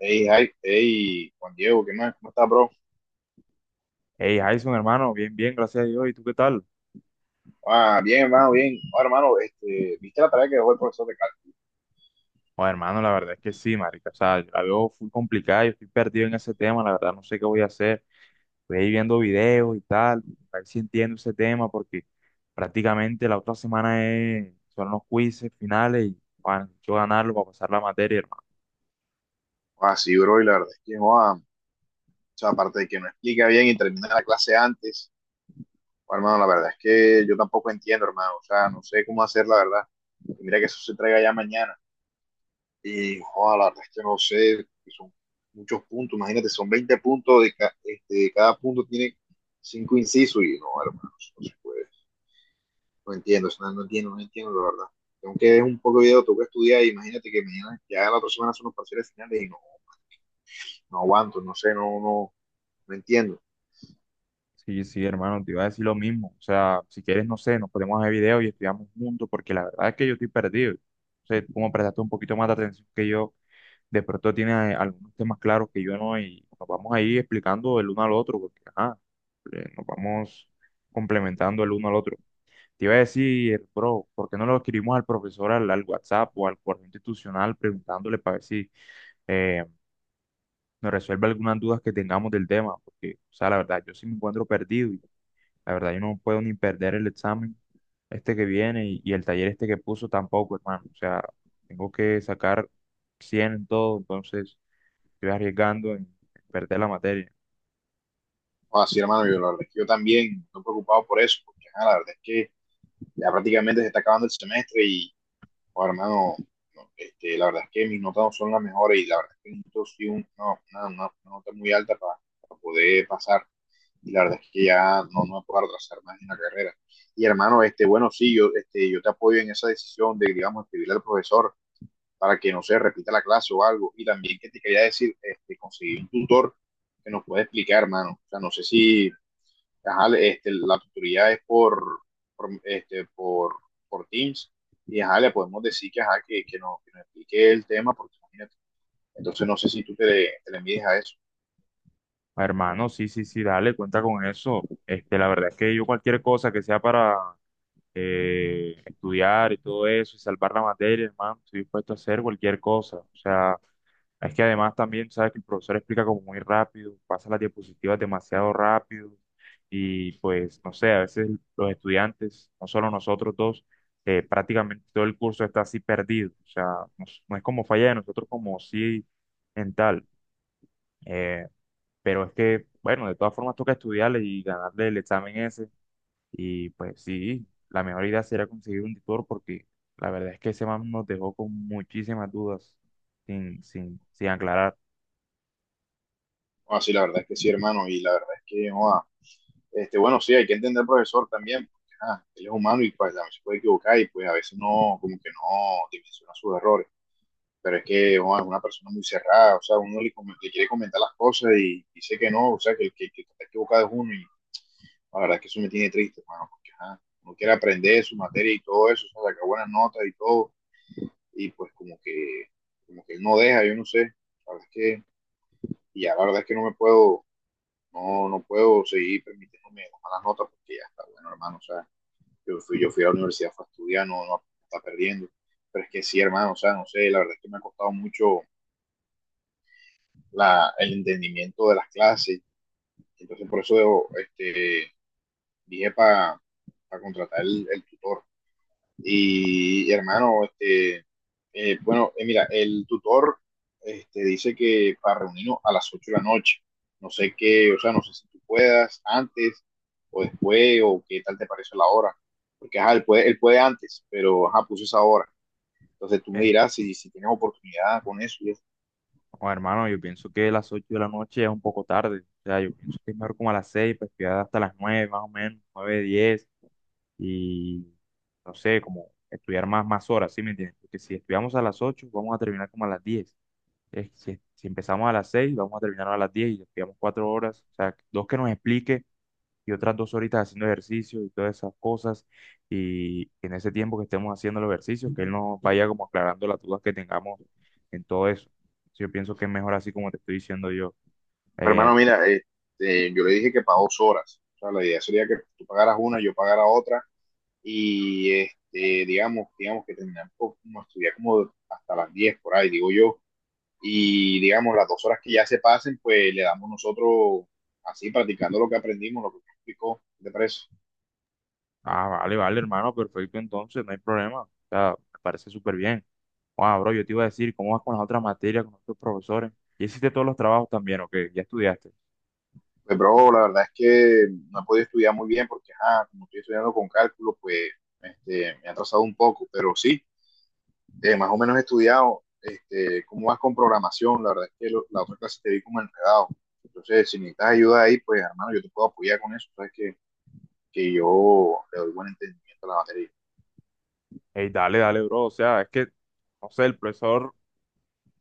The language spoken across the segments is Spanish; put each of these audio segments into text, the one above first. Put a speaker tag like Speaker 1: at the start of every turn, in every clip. Speaker 1: Hey, hi, hey, Juan Diego, ¿qué más? ¿Cómo estás, bro?
Speaker 2: Hey, Jason, hermano, bien, bien, gracias a Dios. ¿Y tú qué tal?
Speaker 1: Ah, bien, hermano, bien. Ah, hermano, este, ¿viste la tarea que dejó el profesor de cálculo?
Speaker 2: Bueno, hermano, la verdad es que sí, marica. O sea, yo la veo full complicada, yo estoy perdido en ese tema, la verdad no sé qué voy a hacer. Estoy ahí viendo videos y tal, a ver si entiendo ese tema, porque prácticamente la otra semana son los quizzes finales y bueno, yo ganarlo para pasar la materia, hermano.
Speaker 1: Ah, sí, bro, y la verdad es que, ah, o sea, aparte de que no explica bien y termina la clase antes, ah, hermano, la verdad es que yo tampoco entiendo, hermano, o sea, no sé cómo hacer, la verdad. Y mira que eso se traiga ya mañana. Y, ah, la verdad es que no sé, que son muchos puntos, imagínate, son 20 puntos, de este, cada punto tiene cinco incisos y no, hermano, eso no se puede. No entiendo, o sea, no entiendo, no entiendo la verdad. Tengo que ver un poco de video, tengo que estudiar. Imagínate que mañana, ya la otra semana son los parciales finales y no, no aguanto, no sé, no, no, no entiendo.
Speaker 2: Sí, sí, hermano, te iba a decir lo mismo. O sea, si quieres, no sé, nos podemos hacer videos y estudiamos juntos, porque la verdad es que yo estoy perdido. O sea, como prestaste un poquito más de atención que yo de pronto tiene algunos temas claros que yo no, y nos vamos a ir explicando el uno al otro, porque ajá, nos vamos complementando el uno al otro. Te iba a decir, bro, ¿por qué no lo escribimos al profesor al WhatsApp o al correo institucional preguntándole para ver si eh, nos resuelve algunas dudas que tengamos del tema? Porque, o sea, la verdad, yo sí me encuentro perdido y la verdad yo no puedo ni perder el examen este que viene y el taller este que puso tampoco, hermano. O sea, tengo que sacar 100 en todo, entonces estoy arriesgando en perder la materia.
Speaker 1: Ah, sí, hermano, yo, la verdad es que yo también estoy preocupado por eso, porque ah, la verdad es que ya prácticamente se está acabando el semestre y, oh, hermano, no, este, la verdad es que mis notas no son las mejores y la verdad es que necesito sí no, no, no, una nota muy alta para poder pasar. Y la verdad es que ya no, no me puedo retrasar más en la carrera. Y hermano, este, bueno, sí, yo, este, yo te apoyo en esa decisión de, digamos, escribirle al profesor para que no se repita la clase o algo. Y también que te quería decir, este, conseguir un tutor que nos pueda explicar, hermano. O sea, no sé si ajá, este, la tutoría es por, este, por Teams y ajá, le podemos decir que, ajá, que, que nos explique el tema, porque imagínate. Entonces, no sé si tú te le mides a eso.
Speaker 2: Hermano, sí, sí, sí, dale, cuenta con eso. Este, la verdad es que yo cualquier cosa que sea para estudiar y todo eso y salvar la materia, hermano, estoy dispuesto a hacer cualquier cosa. O sea, es que además también, sabes que el profesor explica como muy rápido, pasa las diapositivas demasiado rápido y pues, no sé, a veces los estudiantes, no solo nosotros dos, prácticamente todo el curso está así perdido. O sea, no, es no es como falla de nosotros como sí en tal. Eh, pero es que, bueno, de todas formas toca estudiarle y ganarle el examen ese. Y pues sí, la mejor idea sería conseguir un tutor porque la verdad es que ese man nos dejó con muchísimas dudas sin aclarar.
Speaker 1: No, así, sí, la verdad es que sí, hermano, y la verdad es que, no este, bueno, sí, hay que entender al profesor también, porque ah, él es humano y pues, también se puede equivocar y pues a veces no, como que no dimensiona sus errores. Pero es que oh, es una persona muy cerrada, o sea, uno le quiere comentar las cosas y dice que no, o sea, que el que está equivocado es uno y la verdad es que eso me tiene triste, hermano, porque ah, uno quiere aprender su materia y todo eso, o sea, sacar buenas notas y todo, y pues como que él no deja, yo no sé, la verdad es que, y ya la verdad es que no me puedo, no, no puedo seguir permitiéndome las malas notas porque ya está bueno, hermano, o sea. Yo fui a la universidad, fue a estudiar, no, no está perdiendo. Pero es que sí, hermano, o sea, no sé, la verdad es que me ha costado mucho el entendimiento de las clases. Entonces, por eso debo, este, dije para contratar el tutor. Y, hermano, este, bueno, mira, el tutor este, dice que para reunirnos a las 8 de la noche. No sé qué, o sea, no sé si tú puedas antes o después o qué tal te parece la hora. Porque, ajá, él puede antes, pero, ajá, puso esa hora. Entonces tú me
Speaker 2: Eh,
Speaker 1: dirás si tienes oportunidad con eso. Y eso.
Speaker 2: oh, hermano, yo pienso que las 8 de la noche ya es un poco tarde. O sea, yo pienso que es mejor como a las 6 pues estudiar hasta las 9 más o menos, 9, 10 y no sé, como estudiar más, más horas, ¿sí me entiendes? Porque si estudiamos a las 8 vamos a terminar como a las 10. Si empezamos a las 6, vamos a terminar a las 10 y nos quedamos 4 horas. O sea, dos que nos explique y otras 2 horitas haciendo ejercicio y todas esas cosas. Y en ese tiempo que estemos haciendo los ejercicios, que él nos vaya como aclarando las dudas que tengamos en todo eso. Yo pienso que es mejor así como te estoy diciendo yo.
Speaker 1: Pues,
Speaker 2: Eh,
Speaker 1: hermano, mira, yo le dije que para 2 horas. O sea, la idea sería que tú pagaras una, yo pagara otra. Y este, digamos que terminamos como estudiar como hasta las 10 por ahí, digo yo. Y digamos, las 2 horas que ya se pasen, pues le damos nosotros así practicando lo que aprendimos, lo que me explicó, de preso.
Speaker 2: ah, vale, vale, hermano, perfecto, entonces, no hay problema. O sea, me parece súper bien. Wow, bro, yo te iba a decir, ¿cómo vas con las otras materias, con los otros profesores? ¿Y hiciste todos los trabajos también o qué? ¿Ya estudiaste?
Speaker 1: Pues, bro, la verdad es que no he podido estudiar muy bien porque, ah, como estoy estudiando con cálculo, pues este, me ha atrasado un poco, pero sí, más o menos estudiado este, cómo vas con programación. La verdad es que la otra clase te vi como enredado. Entonces, si necesitas ayuda ahí, pues hermano, yo te puedo apoyar con eso. Sabes que yo le doy buen entendimiento a la batería.
Speaker 2: Ey, dale, dale, bro. O sea, es que, no sé, el profesor,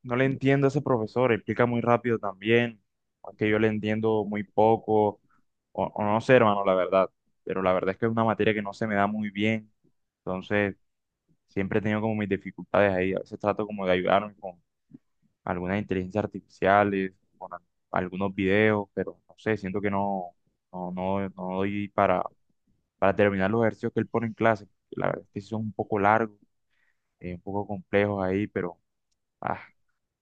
Speaker 2: no le entiendo a ese profesor, explica muy rápido también. O es que yo le entiendo muy poco, o no sé, hermano, la verdad. Pero la verdad es que es una materia que no se me da muy bien. Entonces, siempre he tenido como mis dificultades ahí. A veces trato como de ayudarme con algunas inteligencias artificiales, con algunos videos, pero no sé, siento que no, no, no, no doy para terminar los ejercicios que él pone en clase. La verdad es que sí son un poco largos, un poco complejos ahí, pero ah,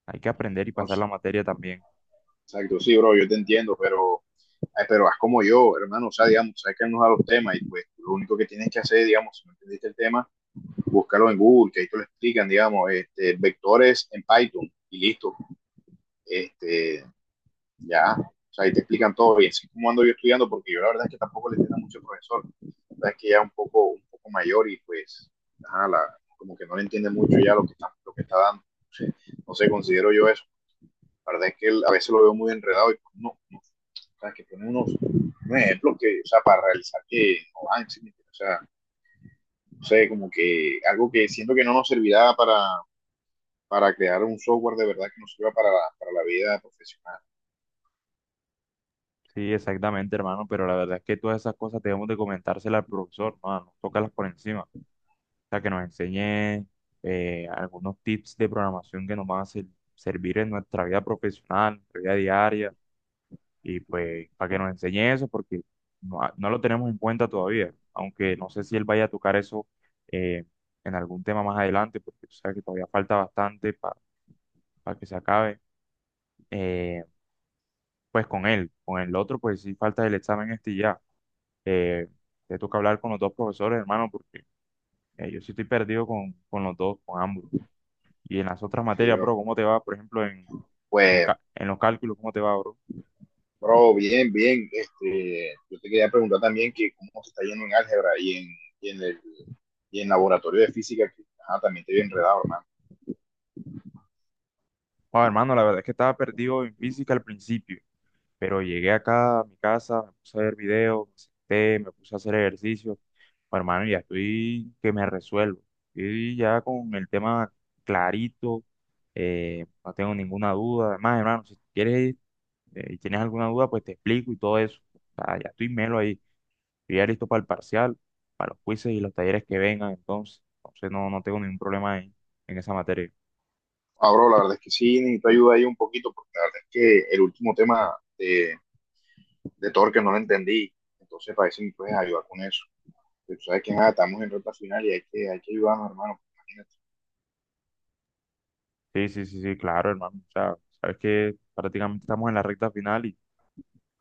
Speaker 2: hay que aprender y pasar
Speaker 1: Entonces,
Speaker 2: la materia también.
Speaker 1: exacto, sí, bro, yo te entiendo, pero haz como yo, hermano. O sea, digamos, sabes que él nos da los temas y pues lo único que tienes que hacer, digamos, si no entendiste el tema, búscalo en Google, que ahí te lo explican, digamos, este, vectores en Python y listo. Este, ya, o sea, ahí te explican todo y así como ando yo estudiando, porque yo la verdad es que tampoco le entiendo mucho al profesor, la verdad es que ya un poco mayor y pues, ajá, como que no le entiende mucho ya lo que está dando, no sé, considero yo eso, la verdad es que él, a veces lo veo muy enredado y pues, no, no, o sea, que pone unos ejemplos que, o sea, para realizar que no van, ¿sí me entiendes? O sea, no sé, como que algo que siento que no nos servirá para, crear un software de verdad que nos sirva para la vida profesional,
Speaker 2: Sí, exactamente, hermano, pero la verdad es que todas esas cosas debemos de comentárselas al profesor, no, no tocarlas por encima. O sea, que nos enseñe algunos tips de programación que nos van a servir en nuestra vida profesional, en nuestra vida diaria, y pues para que nos enseñe eso, porque no, no lo tenemos en cuenta todavía, aunque no sé si él vaya a tocar eso eh, en algún tema más adelante, porque tú sabes que todavía falta bastante para que se acabe. eh, pues con él. Con el otro, pues sí falta el examen este y ya. Eh, Te toca hablar con los dos profesores, hermano, porque yo sí estoy perdido con los dos, con ambos. Y en las otras
Speaker 1: sí,
Speaker 2: materias,
Speaker 1: pero,
Speaker 2: bro, ¿cómo te va? Por ejemplo,
Speaker 1: pues.
Speaker 2: en los cálculos, ¿cómo te va, bro?
Speaker 1: Bro, bien, bien. Este, yo te quería preguntar también que cómo te está yendo en álgebra y en el y en laboratorio de física, que ajá, también te vi enredado, hermano.
Speaker 2: Bueno, hermano, la verdad es que estaba perdido en física al principio, pero llegué acá a mi casa, me puse a ver videos, me senté, me puse a hacer ejercicio. Bueno, hermano, ya estoy que me resuelvo. Estoy ya con el tema clarito, no tengo ninguna duda. Además, hermano, si quieres y tienes alguna duda, pues te explico y todo eso. O sea, ya estoy melo ahí. Estoy ya listo para el parcial, para los quizzes y los talleres que vengan, entonces. Entonces no, no tengo ningún problema en esa materia.
Speaker 1: Ah, bro, la verdad es que sí, necesito ayuda ahí un poquito, porque la verdad es que el último tema de Torque no lo entendí. Entonces, para eso me puedes ayudar con eso. Pero tú sabes que nada, estamos en recta final y hay que ayudarnos, hermano. Imagínate.
Speaker 2: Sí, sí, sí, sí, claro, hermano. O sea, sabes que prácticamente estamos en la recta final y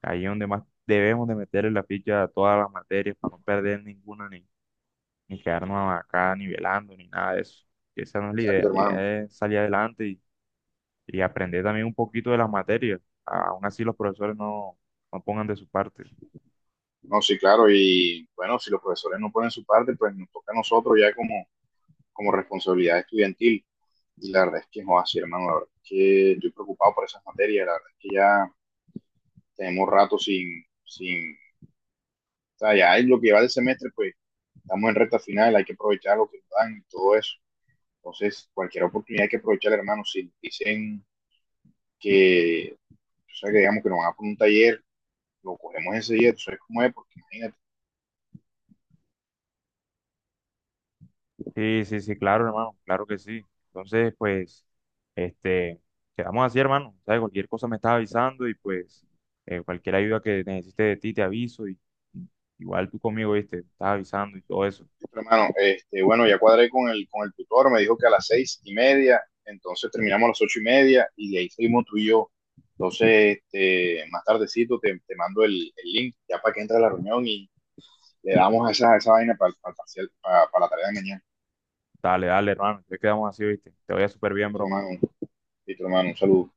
Speaker 2: ahí es donde más debemos de meterle la ficha a todas las materias para no perder ninguna ni quedarnos acá nivelando, ni nada de eso. Esa no es
Speaker 1: Exacto,
Speaker 2: la
Speaker 1: hermano.
Speaker 2: idea es salir adelante y aprender también un poquito de las materias. Aún así los profesores no, no pongan de su parte.
Speaker 1: No, sí, claro, y bueno, si los profesores no ponen su parte, pues nos toca a nosotros ya como responsabilidad estudiantil. Y la verdad es que es así, hermano, la verdad es que estoy preocupado por esas materias, la verdad es que ya tenemos rato sin o sea, ya es lo que va del semestre, pues estamos en recta final, hay que aprovechar lo que nos dan y todo eso. Entonces, cualquier oportunidad hay que aprovechar, hermano, si dicen que, o sea, que digamos que nos van a poner un taller, lo cogemos ese día, tú sabes cómo es, porque imagínate,
Speaker 2: Sí, sí, sí, claro, hermano, claro que sí. Entonces, pues, este, quedamos así, hermano. ¿Sabes? Cualquier cosa me estás avisando y pues cualquier ayuda que necesites de ti te aviso y igual tú conmigo, ¿viste? Me estás avisando y todo eso.
Speaker 1: hermano, este, bueno, ya cuadré con el tutor, me dijo que a las 6:30, entonces terminamos a las 8:30 y de ahí seguimos tú y yo. Entonces, este, más tardecito te mando el link ya para que entre a la reunión y le damos esa vaina para la tarea de mañana.
Speaker 2: Dale, dale, hermano. Entonces quedamos así, ¿viste? Te vaya súper bien,
Speaker 1: Listo,
Speaker 2: bro.
Speaker 1: hermano, listo, hermano, un saludo.